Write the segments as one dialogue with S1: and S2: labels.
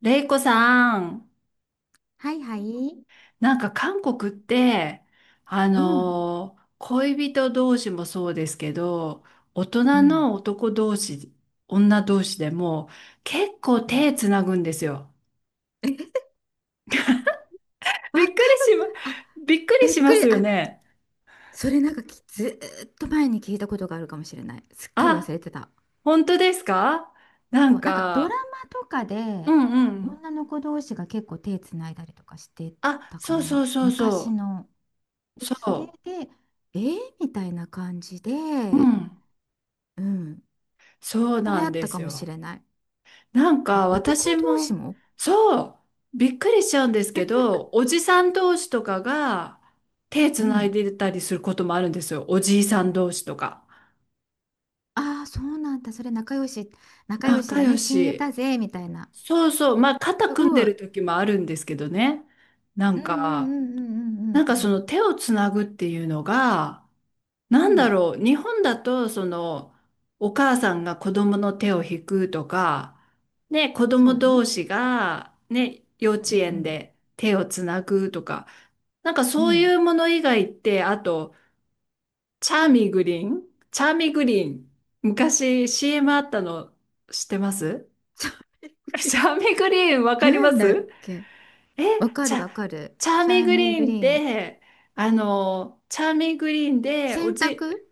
S1: レイコさん、
S2: はいはい。
S1: 韓国って、
S2: うん。
S1: 恋人同士もそうですけど、大
S2: う
S1: 人の
S2: ん。
S1: 男同士、女同士でも結構
S2: うん。
S1: 手つなぐんですよ。
S2: え、わか
S1: びっ
S2: る
S1: くりしま、
S2: か。あ、
S1: びっくり
S2: びっ
S1: しま
S2: くり。
S1: すよ
S2: あ、
S1: ね。
S2: それなんかずーっと前に聞いたことがあるかもしれない。すっかり忘
S1: あ、
S2: れてた。
S1: 本当ですか？な
S2: そ
S1: ん
S2: う、なんかドラ
S1: か、
S2: マとか
S1: う
S2: で
S1: んうん。
S2: 女の子同士が結構手つないだりとかして
S1: あ、
S2: たか
S1: そうそ
S2: な。
S1: うそう
S2: 昔
S1: そう。
S2: の。でそれ
S1: そ
S2: で、えー、みたいな感じで、
S1: う。うん。
S2: うん。
S1: そう
S2: そ
S1: な
S2: れあ
S1: ん
S2: っ
S1: で
S2: たか
S1: す
S2: もし
S1: よ。
S2: れない。あ、
S1: 私
S2: 男同士
S1: も、
S2: も。
S1: そう、びっくりしちゃうんですけど、おじさん同士とかが手
S2: う
S1: つない
S2: ん。
S1: でたりすることもあるんですよ。おじいさん同士とか。
S2: ああ、そうなんだ。それ仲良し、仲良し
S1: 仲
S2: だ
S1: 良
S2: ね。親友
S1: し。
S2: だぜ、みたいな。
S1: そうそう、まあ肩
S2: す
S1: 組ん
S2: ご
S1: で
S2: い。
S1: る時もあるんですけどね。な
S2: う
S1: ん
S2: んうん
S1: か、
S2: うんうんうんう
S1: そ
S2: ん
S1: の手をつなぐっていうのが、
S2: うん。
S1: なん
S2: う
S1: だ
S2: ん。
S1: ろう、日本だと、その、お母さんが子供の手を引くとか、ね、子
S2: そ
S1: 供
S2: うね。
S1: 同士が、ね、幼
S2: う
S1: 稚
S2: んう
S1: 園
S2: ん
S1: で手をつなぐとか、なんか
S2: う
S1: そ
S2: ん。う
S1: うい
S2: ん。
S1: うもの以外って、あと、チャーミーグリーンチャーミーグリーン。昔 CM あったの知ってます？
S2: チャーミ ーグリー
S1: チャーミーグリーンわ
S2: ン。
S1: かり
S2: な
S1: ま
S2: んだっ
S1: す？
S2: け。
S1: え、
S2: わか
S1: チ
S2: る
S1: ャ、
S2: わかる。
S1: チャー
S2: チ
S1: ミー
S2: ャー
S1: グ
S2: ミー
S1: リ
S2: グ
S1: ーンっ
S2: リーン。
S1: て、あの、チャーミーグリーンでお
S2: 洗
S1: じ、
S2: 濯。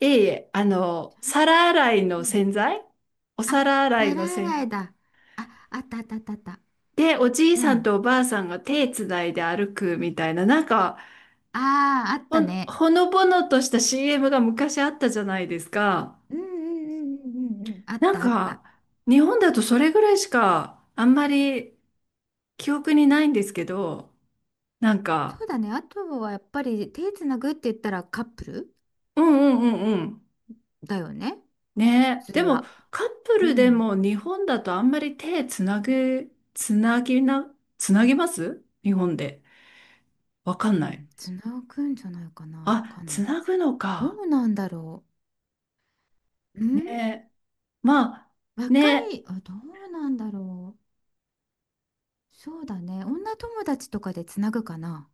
S1: いえいえ、あ
S2: チ
S1: の、
S2: ャーミー
S1: 皿
S2: グ
S1: 洗い
S2: リ
S1: の
S2: ーン。
S1: 洗剤。お
S2: あ、
S1: 皿洗い
S2: 皿
S1: の
S2: 洗
S1: 洗。
S2: いだ。あ、あったあったあったあった。
S1: で、おじい
S2: う
S1: さん
S2: ん。
S1: とおばあさんが手つないで歩くみたいな、なんか、
S2: ああ、あったね。
S1: ほのぼのとした CM が昔あったじゃないですか。
S2: うん。あっ
S1: なん
S2: たあった。
S1: か、日本だとそれぐらいしか、あんまり記憶にないんですけど、なん
S2: そ
S1: か、
S2: うだね。あとはやっぱり手つなぐって言ったらカップル
S1: うんうんうんうん。
S2: だよね、
S1: ねえ。
S2: 普通
S1: でも、
S2: は。
S1: カップ
S2: う
S1: ルで
S2: ん。
S1: も日本だとあんまり手つなぐ、つなぎな、つなぎます？日本で。わか
S2: う
S1: んない。
S2: ん、つなぐんじゃないかな。わ
S1: あ、
S2: かん
S1: つ
S2: ない。
S1: なぐの
S2: ど
S1: か。
S2: うなんだろう。うん、
S1: ね。まあ、
S2: 若
S1: ね。
S2: い、あ、どうなんだろう。そうだね。女友達とかでつなぐかな。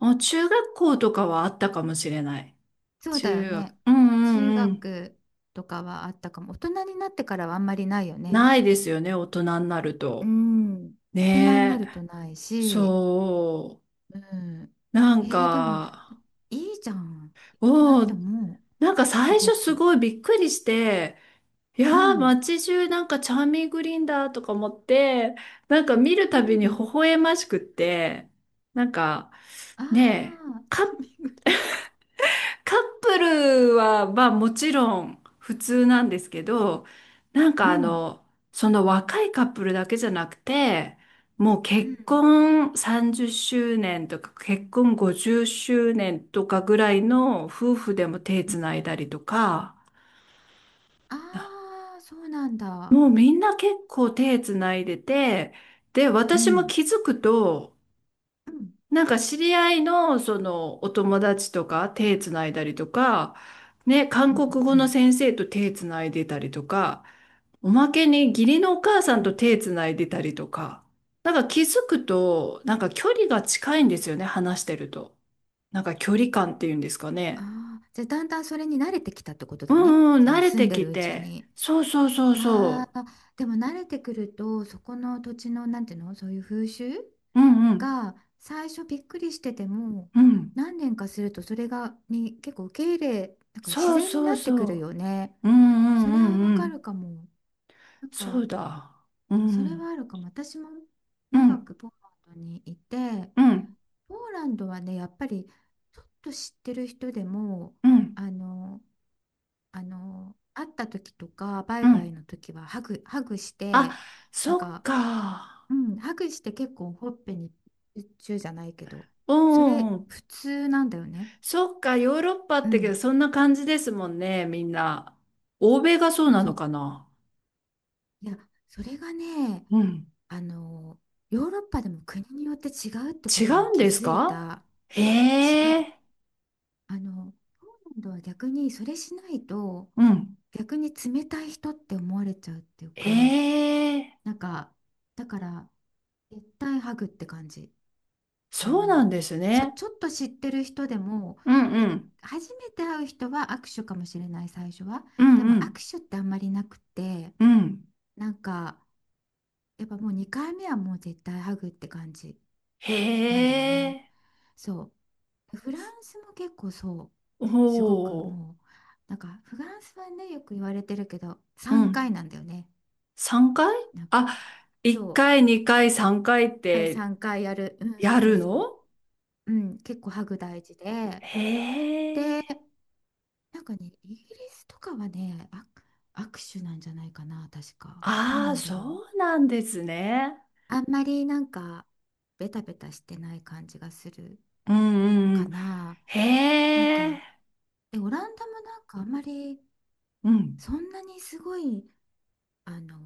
S1: あ、中学校とかはあったかもしれない。
S2: そうだよ
S1: 中学。
S2: ね。
S1: うんう
S2: 中
S1: んうん。
S2: 学とかはあったかも。大人になってからはあんまりないよね。
S1: ないですよね、大人になる
S2: う
S1: と。
S2: ん。大人にな
S1: ね
S2: ると
S1: え。
S2: ないし。
S1: そ
S2: うん。
S1: う。なん
S2: でも、
S1: か、
S2: いいじゃん。な
S1: お
S2: って
S1: お、
S2: 思う。
S1: なんか最
S2: すご
S1: 初す
S2: く。
S1: ごいびっくりして、い
S2: う
S1: やー、
S2: ん。
S1: 街中なんかチャーミングリンダーとか思って、なんか見る
S2: う
S1: たびに微
S2: ん。
S1: 笑ましくって、なんか、
S2: あ
S1: ねえ、
S2: あ、チ
S1: カッ
S2: ャーミング。
S1: カップルは、まあもちろん普通なんですけど、なん
S2: う
S1: かあ
S2: ん、
S1: の、その若いカップルだけじゃなくて、もう
S2: う
S1: 結
S2: ん、
S1: 婚30周年とか結婚50周年とかぐらいの夫婦でも手
S2: う
S1: つ
S2: ん、
S1: ないだりとか、
S2: ああ、そうなんだ。
S1: もうみんな結構手つないでて、で、
S2: う
S1: 私も
S2: ん、
S1: 気づくと、
S2: うん、
S1: なんか知り合いのそのお友達とか手つないだりとか、ね、韓
S2: うん、
S1: 国語
S2: う
S1: の
S2: ん。
S1: 先生と手つないでたりとか、おまけに義理のお母さん
S2: うん。
S1: と手つないでたりとか、なんか気づくと、なんか距離が近いんですよね、話してると。なんか距離感っていうんですかね。
S2: ああ、じゃあだんだんそれに慣れてきたってこと
S1: う
S2: だね。
S1: んうん、
S2: そ
S1: 慣
S2: の
S1: れ
S2: 住ん
S1: て
S2: で
S1: き
S2: るうち
S1: て。
S2: に。
S1: そうそうそう
S2: あ
S1: そ
S2: あ、でも慣れてくると、そこの土地の、なんていうの、そういう風習
S1: う。うんうん、
S2: が最初びっくりしてても、
S1: うん。
S2: 何年かするとそれに結構受け入れ、なんか自
S1: そう
S2: 然に
S1: そ
S2: な
S1: う
S2: ってくる
S1: そ
S2: よね。
S1: う。うんう
S2: それ
S1: ん
S2: は
S1: う
S2: わ
S1: んう
S2: かる
S1: ん。
S2: かも。なん
S1: そ
S2: か、
S1: うだ。う
S2: それ
S1: ん、
S2: はあるかも。私も
S1: う
S2: 長
S1: ん、
S2: くポーランドにいて、
S1: うん。
S2: ポーランドはね、やっぱりちょっと知ってる人でも、
S1: うん、
S2: あの、あの、会った時とか、バイ
S1: う
S2: バイ
S1: ん。
S2: の時はハグして、
S1: あ、
S2: なん
S1: そっ
S2: か、
S1: か。
S2: うん、ハグして結構ほっぺにチューじゃないけど、
S1: う
S2: そ
S1: んう
S2: れ
S1: んうん。
S2: 普通なんだよね。
S1: そっか、ヨーロッパっ
S2: う
S1: てけど、
S2: ん、
S1: そんな感じですもんね、みんな。欧米がそうな
S2: そ
S1: の
S2: う。
S1: かな。
S2: いや、それがね、
S1: うん。
S2: あの、ヨーロッパでも国によって違うってこ
S1: 違
S2: とに
S1: うん
S2: 気
S1: です
S2: づい
S1: か？
S2: た。違
S1: へ
S2: う。
S1: え。
S2: あの、ポーランドは逆にそれしないと
S1: うん。
S2: 逆に冷たい人って思われちゃうっていうか、
S1: へえ。
S2: なんか、だから絶対ハグって感じ。あ
S1: そうなん
S2: の、
S1: ですね。
S2: ちょっと知ってる人でも、
S1: う
S2: も
S1: ん
S2: う
S1: う
S2: い、
S1: ん。
S2: 初めて会う人は握手かもしれない、最初は。
S1: うん
S2: でも
S1: うん
S2: 握手ってあんまりなくて、
S1: うん。
S2: なんか、やっぱもう2回目はもう絶対ハグって感じ
S1: へ
S2: なんだよね。
S1: え。
S2: そう。フランスも結構そう、
S1: お
S2: すごく
S1: お。
S2: もう、なんかフランスはね、よく言われてるけど
S1: う
S2: 3回
S1: ん。
S2: なんだよね。
S1: 3回？
S2: なんか
S1: あ、1
S2: そう、
S1: 回、2回、3回っ
S2: 第
S1: て
S2: 3回やる。うん、そう
S1: や
S2: そう
S1: る
S2: そ
S1: の？
S2: う。うん、結構ハグ大事で、
S1: へ
S2: で、
S1: え。
S2: なんかね、イギリスとかはね、握手なんじゃないかな、確か。どう
S1: あ
S2: な
S1: あ、
S2: んだろう。
S1: そうなんですね。
S2: あんまりなんかベタベタしてない感じがする
S1: うんうん
S2: か
S1: うん。
S2: な。なん
S1: へ
S2: か、
S1: え。
S2: でオランダもなんかあんまり
S1: うん。
S2: そんなにすごい、あの、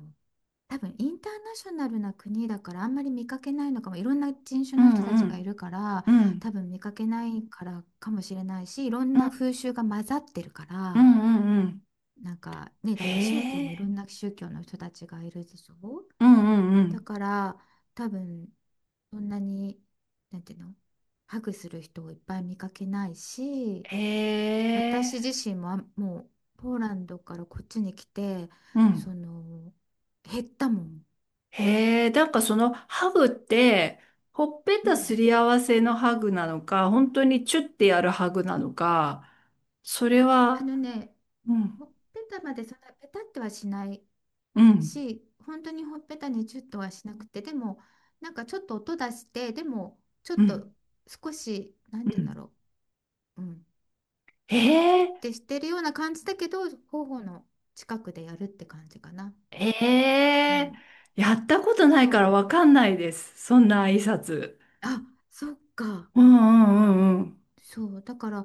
S2: 多分インターナショナルな国だからあんまり見かけないのかも。いろんな人種
S1: う
S2: の
S1: ん
S2: 人た
S1: う
S2: ちがい
S1: ん
S2: るから
S1: う
S2: 多
S1: ん。
S2: 分見かけないからかもしれないし、いろん
S1: うん
S2: な風習が混ざってるか
S1: う
S2: ら、
S1: んうんうん。
S2: なんかね、
S1: へ
S2: だって宗教も
S1: え。
S2: いろんな宗教の人たちがいるでしょ。
S1: うんうんう
S2: だ
S1: ん。
S2: から多分そんなに、なんていうの、ハグする人をいっぱい見かけないし、
S1: へ
S2: 私
S1: え。
S2: 自身も、もう、ポーランドからこっちに来て、
S1: うん。
S2: その、減ったもん。
S1: へえ。なんかそのハグって、ほっぺ
S2: う
S1: た
S2: ん。
S1: すり合わせのハグなのか、本当にチュッてやるハグなのか、それ
S2: あ
S1: は、
S2: のね、
S1: うん
S2: ほっぺたまでそんなペタってはしない
S1: うん
S2: し、本当にほっぺたにチュッとはしなくて、でも、なんかちょっと音出して、でも、ちょっ
S1: う
S2: と
S1: ん
S2: 少し、なん
S1: う
S2: て言う
S1: ん。
S2: んだろう、うん、
S1: へ
S2: チュッ
S1: え。
S2: てしてるような感じだけど、頬の近くでやるって感じかな。
S1: え
S2: う
S1: え、
S2: ん、
S1: やったことな
S2: そ
S1: いから
S2: う。
S1: わかんないです。そんな挨拶。
S2: あ、そっか。
S1: うんうんうんうん。
S2: そう。だから、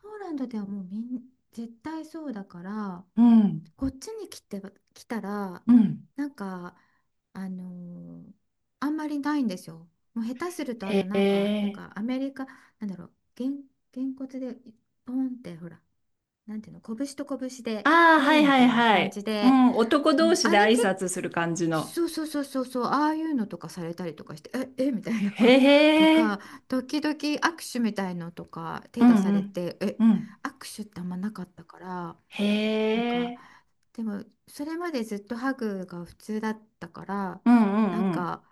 S2: ポーランドではもうみん、絶対そうだから、
S1: うん
S2: こっちに来て、来たら、
S1: うん。
S2: なんか、あのーあんまりないんですよ。もう下手すると、あと
S1: へ
S2: なんか、なん
S1: え。
S2: かアメリカ、なんだろう、げんこつで、ポンって、ほら、なんていうの、拳と拳で、
S1: ああ、は
S2: ヘイ
S1: い
S2: み
S1: は
S2: た
S1: い
S2: いな
S1: は
S2: 感
S1: い。
S2: じ
S1: う
S2: で、
S1: ん、男
S2: うん、
S1: 同士
S2: あ
S1: で
S2: れ
S1: 挨
S2: 結構、
S1: 拶する感じの。
S2: そうそう、ああいうのとかされたりとかして、え、えみたいな
S1: へ
S2: と
S1: え。
S2: か、時々握手みたいのとか
S1: う
S2: 手
S1: ん
S2: 出さ
S1: う
S2: れ
S1: ん
S2: て、え、
S1: うん。
S2: 握手ってあんまなかったから、
S1: へ
S2: なんか、
S1: え。
S2: でもそれまでずっとハグが普通だったから、
S1: うんう
S2: なん
S1: んうん。
S2: か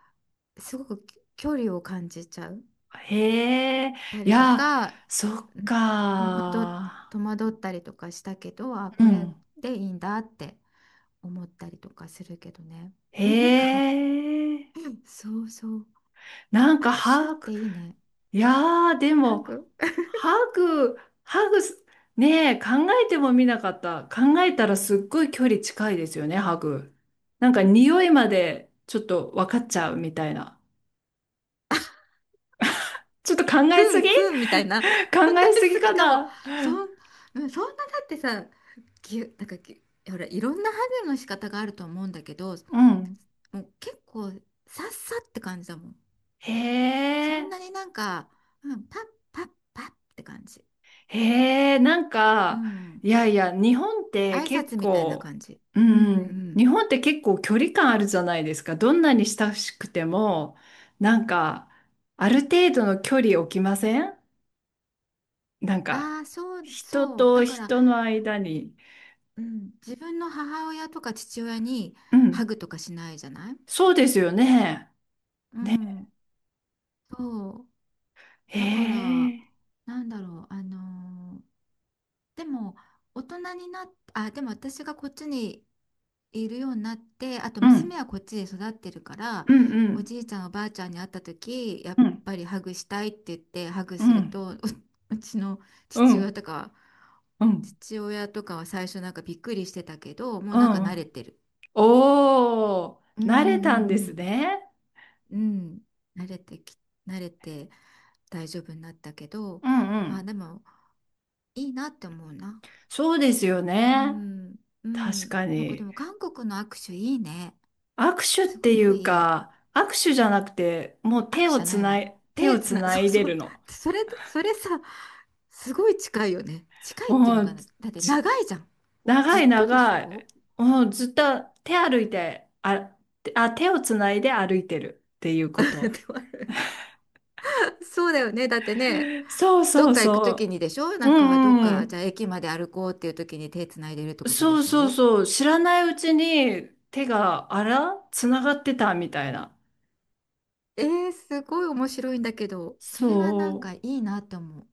S2: すごく距離を感じちゃう
S1: へえ。
S2: た
S1: い
S2: りと
S1: や、
S2: か、
S1: そっ
S2: うん、戸惑っ、
S1: か。
S2: 戸惑ったりとかしたけど、あ
S1: う
S2: これ
S1: ん。
S2: でいいんだって思ったりとかするけどね。
S1: へ
S2: なんか、
S1: え。
S2: そうそう。
S1: なんか、
S2: 握手っ
S1: は、
S2: ていいね。
S1: いやー、で
S2: ハ
S1: も、
S2: グ。
S1: ハグ、ハグす、ねえ、えてもみなかった。考えたらすっごい距離近いですよね、ハグ。なんか匂いまでちょっと分かっちゃうみたいな。ちょっと考
S2: く
S1: えすぎ
S2: んくんみたいな。考
S1: 考え
S2: え
S1: すぎ
S2: すぎ
S1: か
S2: かも。
S1: な？
S2: そん、うん、そんなだってさ、なんかほら、いろんなハグの仕方があると思うんだけど、
S1: うん。
S2: もう結構さっさって感じだもん。
S1: へ
S2: そん
S1: え。
S2: なになんか、うん、パッって感じ。
S1: へえ、なん
S2: う
S1: か、
S2: ん。
S1: 日本って
S2: 挨
S1: 結
S2: 拶みたいな
S1: 構、
S2: 感じ。
S1: う
S2: うんうんう
S1: ん、
S2: ん。
S1: 日本って結構距離感あるじゃないですか。どんなに親しくても、なんか、ある程度の距離置きません？なんか、
S2: ああ、そう
S1: 人
S2: そう。だ
S1: と
S2: から、
S1: 人の間に。
S2: うん、自分の母親とか父親に
S1: う
S2: ハ
S1: ん、
S2: グとかしないじゃない。
S1: そうですよね。
S2: うん。そう。
S1: へ
S2: だから、
S1: え、
S2: なんだろう、でも、大人になっあでも私がこっちにいるようになって、あと
S1: う
S2: 娘
S1: ん、
S2: はこっちで育ってるから、
S1: うん、う
S2: お
S1: ん、
S2: じいちゃんおばあちゃんに会った時や
S1: う
S2: っ
S1: ん、
S2: ぱりハグしたいって言ってハグ
S1: う
S2: する
S1: ん、
S2: と、ううちの
S1: う
S2: 父親
S1: ん、
S2: とか
S1: うん、
S2: 父親とかは最初なんかびっくりしてたけど、もう
S1: う
S2: なんか慣れ
S1: ん。
S2: てる。
S1: おー、
S2: うんう
S1: 慣れ
S2: ん
S1: たんで
S2: う
S1: す
S2: ん
S1: ね。
S2: うんうん慣れてき慣れて大丈夫になったけど、
S1: うん、う
S2: あ
S1: ん。
S2: でもいいなって思うな。
S1: そうですよ
S2: う
S1: ね。
S2: ん、う
S1: 確
S2: ん。
S1: か
S2: なんかで
S1: に。
S2: も韓国の握手いいね。
S1: 握手っ
S2: す
S1: て
S2: ご
S1: い
S2: く
S1: う
S2: いい。
S1: か、握手じゃなくて、もう
S2: 握手じゃないわ。
S1: 手
S2: 手
S1: を
S2: つ
S1: つ
S2: な、
S1: な
S2: そう
S1: いで
S2: そ
S1: る
S2: う。
S1: の。
S2: それさ、すごい近いよね。近いっていう
S1: も
S2: のか
S1: う、
S2: な。だって
S1: ち
S2: 長いじゃん。ず
S1: 長
S2: っ
S1: い
S2: とでし
S1: 長
S2: ょ。
S1: い。もうずっと手歩いて、あ、あ、手をつないで歩いてるっていうこ
S2: で
S1: と。
S2: もそうだよね。だってね、
S1: そう
S2: ど
S1: そ
S2: っ
S1: う
S2: か行くとき
S1: そ
S2: にでしょ、な
S1: う。う
S2: んかどっ
S1: んう
S2: か、じ
S1: ん。
S2: ゃあ駅まで歩こうっていうときに手つないでるってことで
S1: そう
S2: し
S1: そう
S2: ょ。
S1: そう。知らないうちに手が、あら、つながってたみたいな。
S2: えー、すごい面白いんだけど、それはなん
S1: そ
S2: かい
S1: う。
S2: いなって思う。